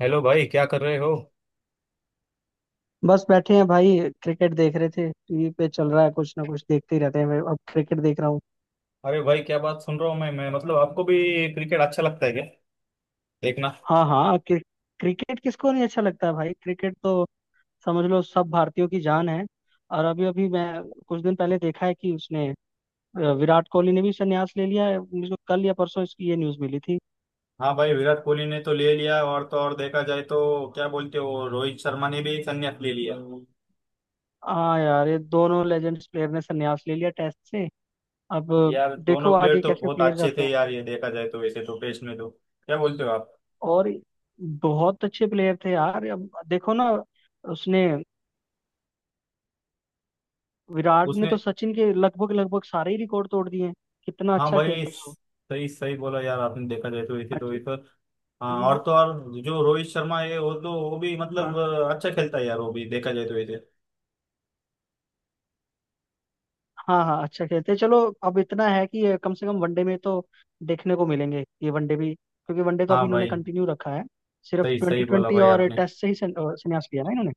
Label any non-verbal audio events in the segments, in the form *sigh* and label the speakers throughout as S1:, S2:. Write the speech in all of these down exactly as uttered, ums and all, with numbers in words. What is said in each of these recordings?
S1: Hello भाई, क्या कर रहे हो।
S2: बस बैठे हैं भाई। क्रिकेट देख रहे थे, टीवी पे चल रहा है, कुछ ना कुछ देखते ही रहते हैं। मैं अब क्रिकेट देख रहा हूँ।
S1: अरे भाई, क्या बात सुन रहा हूँ। मैं मैं मतलब आपको भी क्रिकेट अच्छा लगता है क्या देखना।
S2: हाँ हाँ, क्रि, क्रिकेट किसको नहीं अच्छा लगता है भाई। क्रिकेट तो समझ लो सब भारतीयों की जान है। और अभी अभी मैं कुछ दिन पहले देखा है कि उसने अ, विराट कोहली ने भी संन्यास ले लिया है। मुझे को कल या परसों इसकी ये न्यूज मिली थी।
S1: हाँ भाई, विराट कोहली ने तो ले लिया, और तो और देखा जाए तो क्या बोलते हो, रोहित शर्मा ने भी संन्यास ले लिया।
S2: हाँ यार, ये दोनों लेजेंड्स प्लेयर ने संन्यास ले लिया टेस्ट से। अब
S1: यार दोनों
S2: देखो
S1: प्लेयर
S2: आगे
S1: तो
S2: कैसे
S1: बहुत
S2: प्लेयर
S1: अच्छे
S2: आते
S1: थे
S2: हैं।
S1: यार, ये देखा जाए तो वैसे तो टेस्ट में तो, क्या बोलते हो आप।
S2: और बहुत अच्छे प्लेयर थे यार। अब देखो ना, उसने विराट ने तो
S1: उसने।
S2: सचिन के लगभग लगभग सारे ही रिकॉर्ड तोड़ दिए हैं। कितना
S1: हाँ
S2: अच्छा
S1: भाई,
S2: खेलता है वो।
S1: सही सही बोला यार आपने, देखा जाए तो वैसे
S2: हाँ
S1: तो
S2: जी।
S1: वैसे।
S2: हाँ
S1: हाँ,
S2: जी।
S1: और तो और जो रोहित शर्मा है वो तो, वो भी
S2: हाँ
S1: मतलब अच्छा खेलता है यार, वो भी देखा जाए तो वैसे।
S2: हाँ, हाँ अच्छा खेलते हैं, चलो। अब इतना है कि ये कम से कम वनडे में तो देखने को मिलेंगे ये, वनडे भी, क्योंकि वनडे तो अभी
S1: हाँ
S2: इन्होंने
S1: भाई,
S2: कंटिन्यू रखा है। सिर्फ
S1: सही
S2: ट्वेंटी
S1: सही बोला
S2: ट्वेंटी
S1: भाई
S2: और
S1: आपने।
S2: टेस्ट से ही सं- अ, संन्यास लिया ना इन्होंने।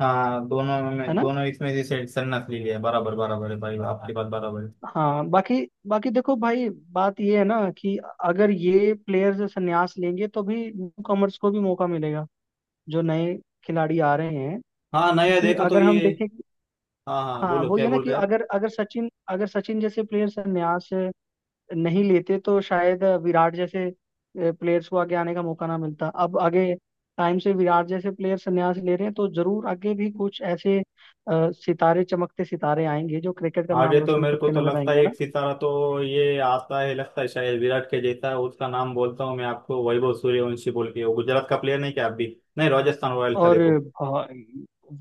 S1: हाँ दोनों
S2: है
S1: में,
S2: ना।
S1: दोनों इसमें से सेट सन्नत ली लिया, बराबर बराबर है भाई, आपकी बात बराबर है।
S2: हाँ बाकी, बाकी देखो भाई, बात ये है ना कि अगर ये प्लेयर्स संन्यास लेंगे तो भी न्यू कॉमर्स को भी मौका मिलेगा, जो नए खिलाड़ी आ रहे हैं।
S1: हाँ नया
S2: क्योंकि
S1: देखा तो
S2: अगर हम
S1: ये।
S2: देखें,
S1: हाँ हाँ,
S2: हाँ
S1: बोलो
S2: वो
S1: क्या
S2: ये ना
S1: बोल
S2: कि
S1: रहे हैं।
S2: अगर अगर सचिन अगर सचिन जैसे प्लेयर्स यहाँ से नहीं लेते तो शायद विराट जैसे प्लेयर्स को आगे आने का मौका ना मिलता। अब आगे टाइम से विराट जैसे प्लेयर्स संन्यास ले रहे हैं तो जरूर आगे भी कुछ ऐसे अ, सितारे, चमकते सितारे आएंगे जो क्रिकेट का नाम
S1: आगे तो
S2: रोशन
S1: मेरे को
S2: करते
S1: तो
S2: नजर
S1: लगता है
S2: आएंगे ना।
S1: एक सितारा तो ये आता है, लगता है शायद विराट के जैसा है। उसका नाम बोलता हूँ मैं आपको, वैभव सूर्यवंशी बोल के। वो गुजरात का प्लेयर नहीं क्या, आप भी। नहीं, राजस्थान रॉयल्स का,
S2: और
S1: देखो।
S2: भाई,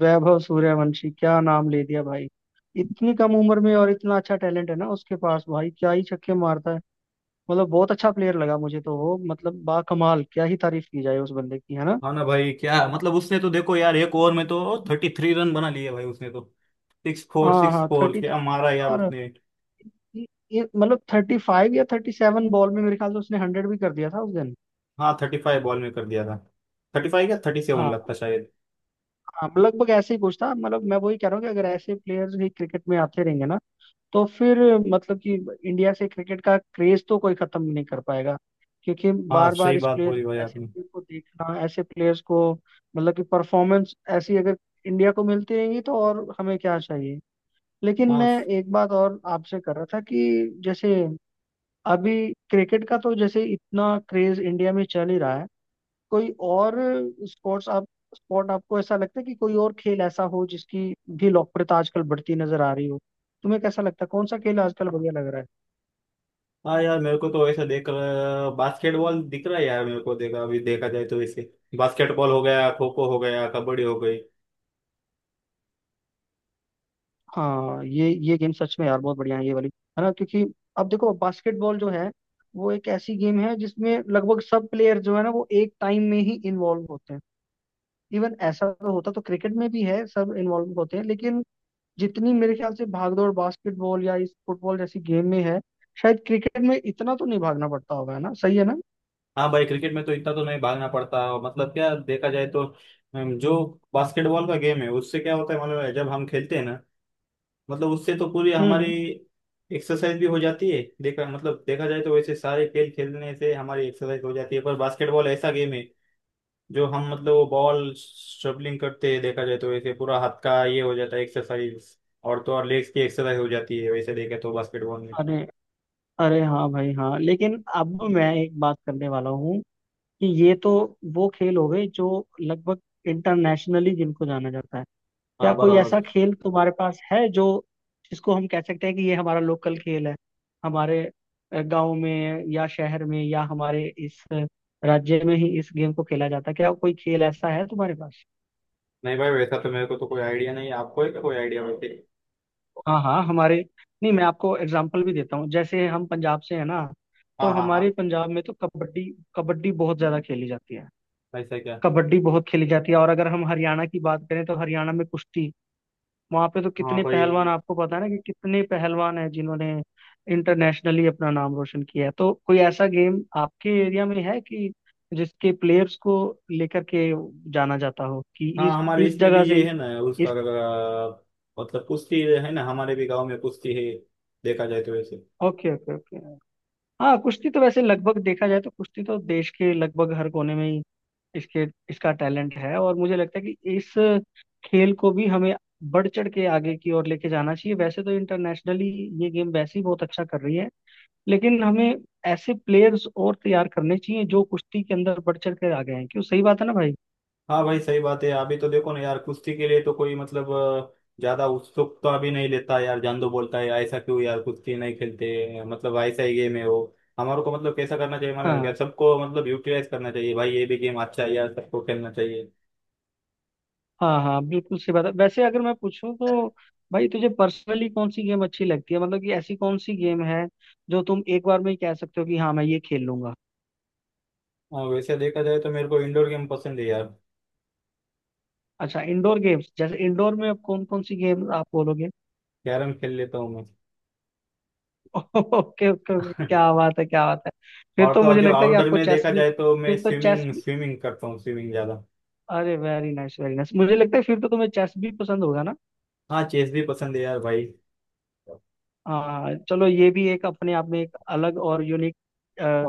S2: वैभव सूर्यवंशी, क्या नाम ले दिया भाई। इतनी कम उम्र में और इतना अच्छा टैलेंट है ना उसके पास, भाई क्या ही छक्के मारता है। मतलब बहुत अच्छा प्लेयर लगा मुझे तो वो, मतलब बा, कमाल, क्या ही तारीफ की जाए उस बंदे की, है ना।
S1: हाँ ना भाई, क्या मतलब, उसने तो देखो यार, एक ओवर में तो थर्टी थ्री रन बना लिए भाई उसने तो। सिक्स फोर
S2: हाँ
S1: सिक्स
S2: हाँ,
S1: फोर
S2: थर्टी,
S1: क्या मारा यार
S2: और
S1: उसने।
S2: ये- ये मतलब थर्टी फाइव या थर्टी सेवन बॉल में मेरे ख्याल से उसने हंड्रेड भी कर दिया था उस दिन।
S1: हाँ, थर्टी फाइव बॉल में कर दिया था। थर्टी फाइव या थर्टी सेवन
S2: हाँ
S1: लगता शायद।
S2: हाँ, लगभग ऐसे ही कुछ था। मतलब मैं वही कह रहा हूँ कि अगर ऐसे प्लेयर्स ही क्रिकेट में आते रहेंगे ना तो फिर मतलब कि इंडिया से क्रिकेट का क्रेज तो कोई खत्म नहीं कर पाएगा। क्योंकि
S1: हाँ,
S2: बार बार
S1: सही
S2: इस
S1: बात
S2: प्लेयर,
S1: बोली भाई
S2: ऐसे
S1: आपने।
S2: प्लेयर को देखना, ऐसे प्लेयर्स को, मतलब कि परफॉर्मेंस ऐसी अगर इंडिया को मिलती रहेंगी तो और हमें क्या चाहिए। लेकिन
S1: हाँ
S2: मैं एक बात और आपसे कर रहा था कि जैसे अभी क्रिकेट का तो जैसे इतना क्रेज इंडिया में चल ही रहा है, कोई और स्पोर्ट्स आप स्पोर्ट आपको ऐसा लगता है कि कोई और खेल ऐसा हो जिसकी भी लोकप्रियता आजकल बढ़ती नजर आ रही हो। तुम्हें कैसा लगता है, कौन सा खेल आजकल बढ़िया लग रहा है।
S1: हाँ यार, मेरे को तो ऐसा देख बास्केटबॉल दिख रहा है यार मेरे को। देखा अभी, देखा जाए तो वैसे बास्केटबॉल हो गया, खो खो हो गया, कबड्डी हो गई।
S2: हाँ, ये ये गेम सच में यार बहुत बढ़िया है ये वाली, है ना। क्योंकि अब देखो, बास्केटबॉल जो है वो एक ऐसी गेम है जिसमें लगभग सब प्लेयर जो है ना वो एक टाइम में ही इन्वॉल्व होते हैं। इवन ऐसा तो होता तो क्रिकेट में भी है, सब इन्वॉल्व होते हैं, लेकिन जितनी मेरे ख्याल से भागदौड़ बास्केटबॉल या इस फुटबॉल जैसी गेम में है, शायद क्रिकेट में इतना तो नहीं भागना पड़ता होगा, है ना, सही है ना।
S1: हाँ भाई, क्रिकेट में तो इतना तो नहीं भागना पड़ता, मतलब क्या देखा जाए तो। अम, जो बास्केटबॉल का गेम है उससे क्या होता है मालूम है, जब हम खेलते हैं ना, मतलब उससे तो पूरी
S2: हम्म
S1: हमारी
S2: हम्म
S1: एक्सरसाइज भी हो जाती है। देखा मतलब, देखा जाए तो वैसे सारे खेल खेलने से हमारी एक्सरसाइज हो जाती है, पर बास्केटबॉल ऐसा गेम है जो हम मतलब वो बॉल शबलिंग करते हैं, देखा जाए तो वैसे पूरा हाथ का ये हो जाता है एक्सरसाइज। और तो और लेग्स की एक्सरसाइज हो जाती है, वैसे देखे तो बास्केटबॉल में।
S2: अरे, अरे हाँ भाई, हाँ, लेकिन अब मैं एक बात करने वाला हूँ कि ये तो वो खेल हो गए जो लगभग इंटरनेशनली जिनको जाना जाता है।
S1: हाँ
S2: क्या कोई ऐसा
S1: बराबर।
S2: खेल तुम्हारे पास है जो, जिसको हम कह सकते हैं कि ये हमारा लोकल खेल है, हमारे अ, गांव में या शहर में या हमारे इस अ, राज्य में ही इस गेम को खेला जाता है। क्या कोई खेल ऐसा है तुम्हारे पास।
S1: नहीं भाई, वैसा तो मेरे को तो कोई आइडिया नहीं है, आपको है क्या कोई आइडिया वैसे।
S2: हाँ हाँ हमारे, नहीं मैं आपको एग्जाम्पल भी देता हूँ। जैसे हम पंजाब से है ना, तो
S1: हाँ हाँ
S2: हमारे
S1: हाँ।
S2: पंजाब में तो कबड्डी कबड्डी बहुत ज्यादा खेली जाती है।
S1: वैसा क्या।
S2: कबड्डी बहुत खेली जाती है। और अगर हम हरियाणा की बात करें तो हरियाणा में कुश्ती, वहां पे तो
S1: हाँ
S2: कितने पहलवान,
S1: भाई।
S2: आपको पता है ना कि कितने पहलवान हैं जिन्होंने इंटरनेशनली अपना नाम रोशन किया है। तो कोई ऐसा गेम आपके एरिया में है कि जिसके प्लेयर्स को लेकर के जाना जाता हो कि
S1: हाँ
S2: इस
S1: हमारे
S2: इस
S1: इसमें भी
S2: जगह
S1: ये
S2: से
S1: है ना, उसका
S2: इस,
S1: अ, मतलब कुश्ती है ना, हमारे भी गांव में कुश्ती है, देखा जाए तो वैसे।
S2: Okay okay okay. हाँ कुश्ती तो वैसे लगभग, देखा जाए तो कुश्ती तो देश के लगभग हर कोने में ही इसके, इसका टैलेंट है। और मुझे लगता है कि इस खेल को भी हमें बढ़ चढ़ के आगे की ओर लेके जाना चाहिए। वैसे तो इंटरनेशनली ये गेम वैसे ही बहुत अच्छा कर रही है, लेकिन हमें ऐसे प्लेयर्स और तैयार करने चाहिए जो कुश्ती के अंदर बढ़ चढ़ कर आ गए हैं। क्यों, सही बात है ना भाई।
S1: हाँ भाई, सही बात है। अभी तो देखो ना यार, कुश्ती के लिए तो कोई मतलब अ, ज्यादा उत्सुक तो अभी नहीं लेता यार। जान दो बोलता है, ऐसा क्यों यार कुश्ती नहीं खेलते, मतलब ऐसा ही गेम है वो। हमारे को मतलब कैसा करना चाहिए मालूम है
S2: हाँ
S1: क्या, सबको मतलब यूटिलाइज करना चाहिए भाई, ये भी गेम अच्छा है यार, सबको खेलना चाहिए।
S2: हाँ हाँ, बिल्कुल सही बात है। वैसे अगर मैं पूछूं तो भाई तुझे पर्सनली कौन सी गेम अच्छी लगती है। मतलब कि ऐसी कौन सी गेम है जो तुम एक बार में ही कह सकते हो कि हाँ मैं ये खेल लूंगा।
S1: और वैसे देखा जाए तो मेरे को इंडोर गेम पसंद है यार।
S2: अच्छा इंडोर गेम्स, जैसे इंडोर में अब कौन कौन सी गेम आप बोलोगे।
S1: कैरम खेल लेता हूँ मैं।
S2: *laughs* ओके ओके ओके,
S1: *laughs*
S2: क्या बात है क्या बात है। फिर
S1: और
S2: तो
S1: तो और
S2: मुझे
S1: जो
S2: लगता है कि
S1: आउटडोर
S2: आपको
S1: में
S2: चेस
S1: देखा
S2: भी,
S1: जाए तो मैं
S2: फिर तो चेस
S1: स्विमिंग,
S2: भी,
S1: स्विमिंग करता हूँ स्विमिंग ज्यादा।
S2: अरे वेरी नाइस वेरी नाइस, मुझे लगता है फिर तो तुम्हें चेस भी पसंद होगा ना।
S1: हाँ, चेस भी पसंद है यार भाई।
S2: हाँ चलो, ये भी एक अपने आप में एक अलग और यूनिक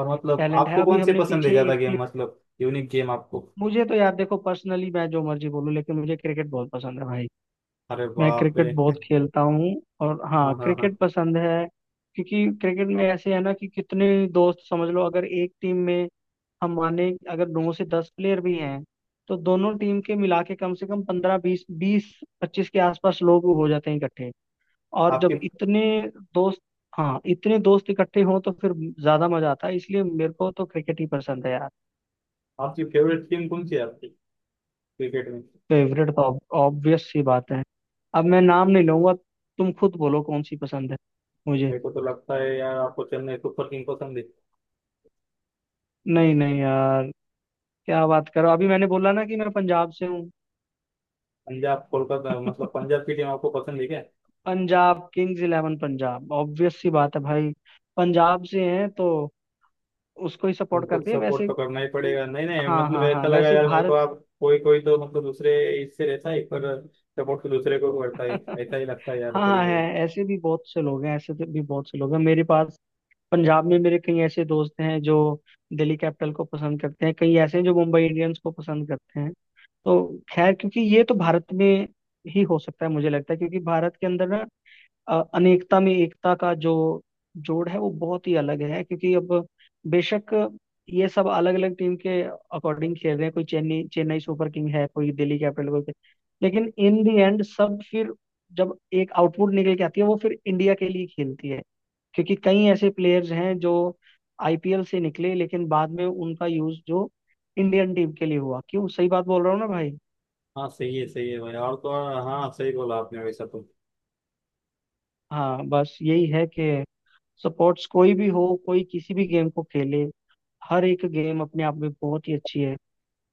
S1: और मतलब
S2: टैलेंट है।
S1: आपको
S2: अभी
S1: कौन से
S2: हमने
S1: पसंद है
S2: पीछे
S1: ज्यादा
S2: एक प्ले,
S1: गेम, मतलब यूनिक गेम आपको।
S2: मुझे तो यार देखो पर्सनली मैं जो मर्जी बोलूँ लेकिन मुझे क्रिकेट बहुत पसंद है भाई।
S1: अरे
S2: मैं
S1: बाप
S2: क्रिकेट
S1: रे।
S2: बहुत खेलता हूँ। और हाँ
S1: हाँ हाँ हाँ।
S2: क्रिकेट पसंद है। क्योंकि क्रिकेट में ऐसे है ना कि कितने दोस्त, समझ लो अगर एक टीम में हम माने अगर नौ से दस प्लेयर भी हैं तो दोनों टीम के मिला के कम से कम पंद्रह, बीस, बीस पच्चीस के आसपास लोग हो जाते हैं इकट्ठे। और
S1: आपकी
S2: जब इतने दोस्त, हाँ इतने दोस्त इकट्ठे हों तो फिर ज्यादा मजा आता है, इसलिए मेरे को तो क्रिकेट ही पसंद है यार।
S1: आपकी फेवरेट टीम कौन सी है आपकी, क्रिकेट में।
S2: फेवरेट तो ऑब्वियस सी बात है, अब मैं नाम नहीं लूंगा, तुम खुद बोलो कौन सी पसंद है मुझे।
S1: मेरे को तो लगता है यार आपको चेन्नई सुपर किंग पसंद है।
S2: नहीं नहीं यार, क्या बात करो, अभी मैंने बोला ना कि मैं पंजाब से हूँ।
S1: पंजाब, कोलकाता, मतलब
S2: *laughs*
S1: पंजाब की टीम आपको पसंद है क्या।
S2: Punjab Kings eleven Punjab, obvious सी बात है भाई, पंजाब से हैं तो उसको ही सपोर्ट
S1: उनको
S2: करते हैं
S1: सपोर्ट
S2: वैसे।
S1: तो करना ही पड़ेगा। नहीं नहीं,
S2: हाँ
S1: मतलब
S2: हाँ हाँ,
S1: ऐसा लगा
S2: वैसे
S1: यार मेरे को
S2: भारत,
S1: आप कोई कोई तो मतलब दूसरे इससे रहता है, पर सपोर्ट तो दूसरे को करता है।
S2: *laughs*
S1: ऐसा ही लगता है यार
S2: हाँ हाँ,
S1: कभी
S2: है
S1: कभी।
S2: ऐसे भी बहुत से लोग हैं, ऐसे तो भी बहुत से लोग हैं मेरे पास। पंजाब में मेरे कई ऐसे दोस्त हैं जो दिल्ली कैपिटल को पसंद करते हैं, कई ऐसे हैं जो मुंबई इंडियंस को पसंद करते हैं। तो खैर, क्योंकि ये तो भारत में ही हो सकता है मुझे लगता है, क्योंकि भारत के अंदर ना अ, अनेकता में एकता का जो जोड़ है वो बहुत ही अलग है। क्योंकि अब बेशक ये सब अलग अलग टीम के अकॉर्डिंग खेल रहे हैं, कोई चेन्नई चेन्नई सुपर किंग है, कोई दिल्ली कैपिटल, कोई, लेकिन इन दी एंड सब फिर जब एक आउटपुट निकल के आती है वो फिर इंडिया के लिए खेलती है। क्योंकि कई ऐसे प्लेयर्स हैं जो आई पी एल से निकले लेकिन बाद में उनका यूज जो इंडियन टीम के लिए हुआ। क्यों, सही बात बोल रहा हूँ ना भाई।
S1: हाँ सही है, सही है भाई, और तो और, हाँ सही बोला आपने वैसा तो।
S2: हाँ बस यही है कि सपोर्ट्स कोई भी हो, कोई किसी भी गेम को खेले, हर एक गेम अपने आप में बहुत ही अच्छी है।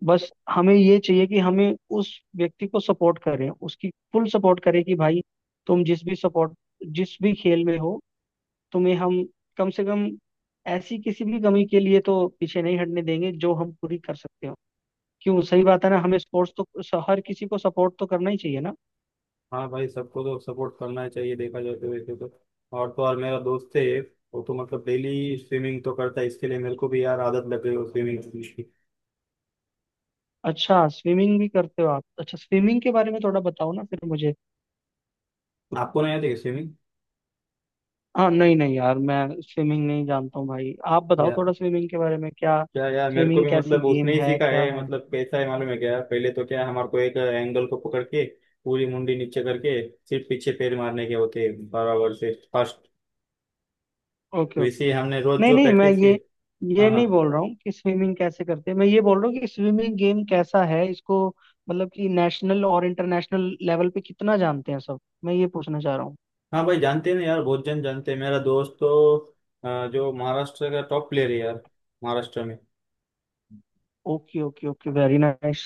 S2: बस हमें ये चाहिए कि हमें उस व्यक्ति को सपोर्ट करें, उसकी फुल सपोर्ट करें कि भाई तुम जिस भी सपोर्ट, जिस भी खेल में हो, तुम्हें हम कम से कम ऐसी किसी भी कमी के लिए तो पीछे नहीं हटने देंगे जो हम पूरी कर सकते हो। क्यों, सही बात है ना, हमें स्पोर्ट्स तो स- हर किसी को सपोर्ट तो करना ही चाहिए ना।
S1: हाँ भाई, सबको तो सपोर्ट करना ही चाहिए देखा जाए तो वैसे तो। और तो और मेरा दोस्त है एक, वो तो मतलब डेली स्विमिंग तो करता है, इसके लिए मेरे को भी यार आदत लग गई वो स्विमिंग की।
S2: अच्छा स्विमिंग भी करते हो आप, अच्छा स्विमिंग के बारे में थोड़ा बताओ ना फिर मुझे।
S1: आपको नहीं आती है स्विमिंग।
S2: हाँ नहीं नहीं यार, मैं स्विमिंग नहीं जानता हूँ भाई, आप बताओ
S1: या
S2: थोड़ा स्विमिंग के बारे में, क्या
S1: क्या यार, मेरे को
S2: स्विमिंग
S1: भी
S2: कैसी
S1: मतलब
S2: गेम
S1: उसने ही
S2: है,
S1: सीखा
S2: क्या
S1: है।
S2: है।
S1: मतलब कैसा है मालूम है क्या, पहले तो क्या है, हमारे को एक एंगल को पकड़ के पूरी मुंडी नीचे करके सिर्फ पीछे पैर मारने के होते हैं, बराबर से फर्स्ट।
S2: ओके ओके,
S1: वैसे ही हमने रोज
S2: नहीं
S1: जो
S2: नहीं, मैं
S1: प्रैक्टिस की।
S2: ये ये
S1: हाँ हाँ।
S2: नहीं बोल रहा हूँ कि स्विमिंग कैसे करते हैं, मैं ये बोल रहा हूँ कि स्विमिंग गेम कैसा है इसको, मतलब कि नेशनल और इंटरनेशनल लेवल पे कितना जानते हैं सब, मैं ये पूछना चाह रहा हूँ।
S1: हाँ भाई, जानते हैं ना यार बहुत जन जानते हैं। मेरा दोस्त तो अ, जो महाराष्ट्र का टॉप प्लेयर है यार, महाराष्ट्र में।
S2: Okay okay okay, very nice.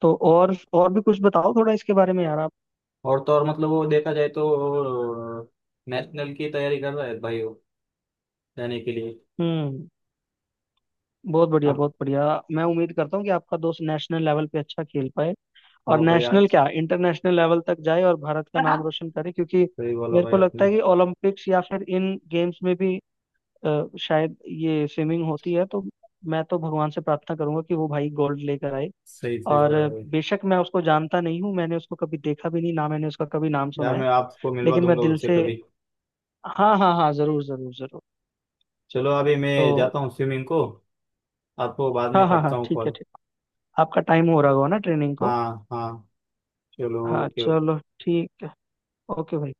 S2: तो और और भी कुछ बताओ थोड़ा इसके बारे में यार आप।
S1: और तो और मतलब वो देखा जाए तो नेशनल की तैयारी कर रहा है भाई वो, जाने के लिए।
S2: हम्म, बहुत बढ़िया
S1: आप।
S2: बहुत बढ़िया। मैं उम्मीद करता हूँ कि आपका दोस्त नेशनल लेवल पे अच्छा खेल पाए और
S1: हाँ भाई, आप
S2: नेशनल क्या, इंटरनेशनल लेवल तक जाए और भारत का नाम रोशन करे। क्योंकि
S1: सही बोला
S2: मेरे
S1: भाई
S2: को लगता
S1: आपने।
S2: है कि ओलंपिक्स या फिर इन गेम्स में भी अ, शायद ये स्विमिंग होती है, तो मैं तो भगवान से प्रार्थना करूंगा कि वो भाई गोल्ड लेकर आए।
S1: सही सही
S2: और
S1: बोला भाई।
S2: बेशक मैं उसको जानता नहीं हूँ, मैंने उसको कभी देखा भी नहीं ना मैंने उसका कभी नाम सुना
S1: यार
S2: है,
S1: मैं आपको मिलवा
S2: लेकिन मैं
S1: दूंगा
S2: दिल
S1: उससे
S2: से,
S1: कभी।
S2: हाँ हाँ हाँ, जरूर जरूर जरूर।
S1: चलो अभी
S2: तो
S1: मैं जाता हूँ स्विमिंग को, आपको बाद में
S2: हाँ हाँ हाँ,
S1: करता हूँ
S2: ठीक है
S1: कॉल।
S2: ठीक। आपका टाइम हो रहा होगा ना ट्रेनिंग को।
S1: हाँ हाँ, चलो
S2: हाँ
S1: ओके।
S2: चलो, ठीक है, ओके भाई।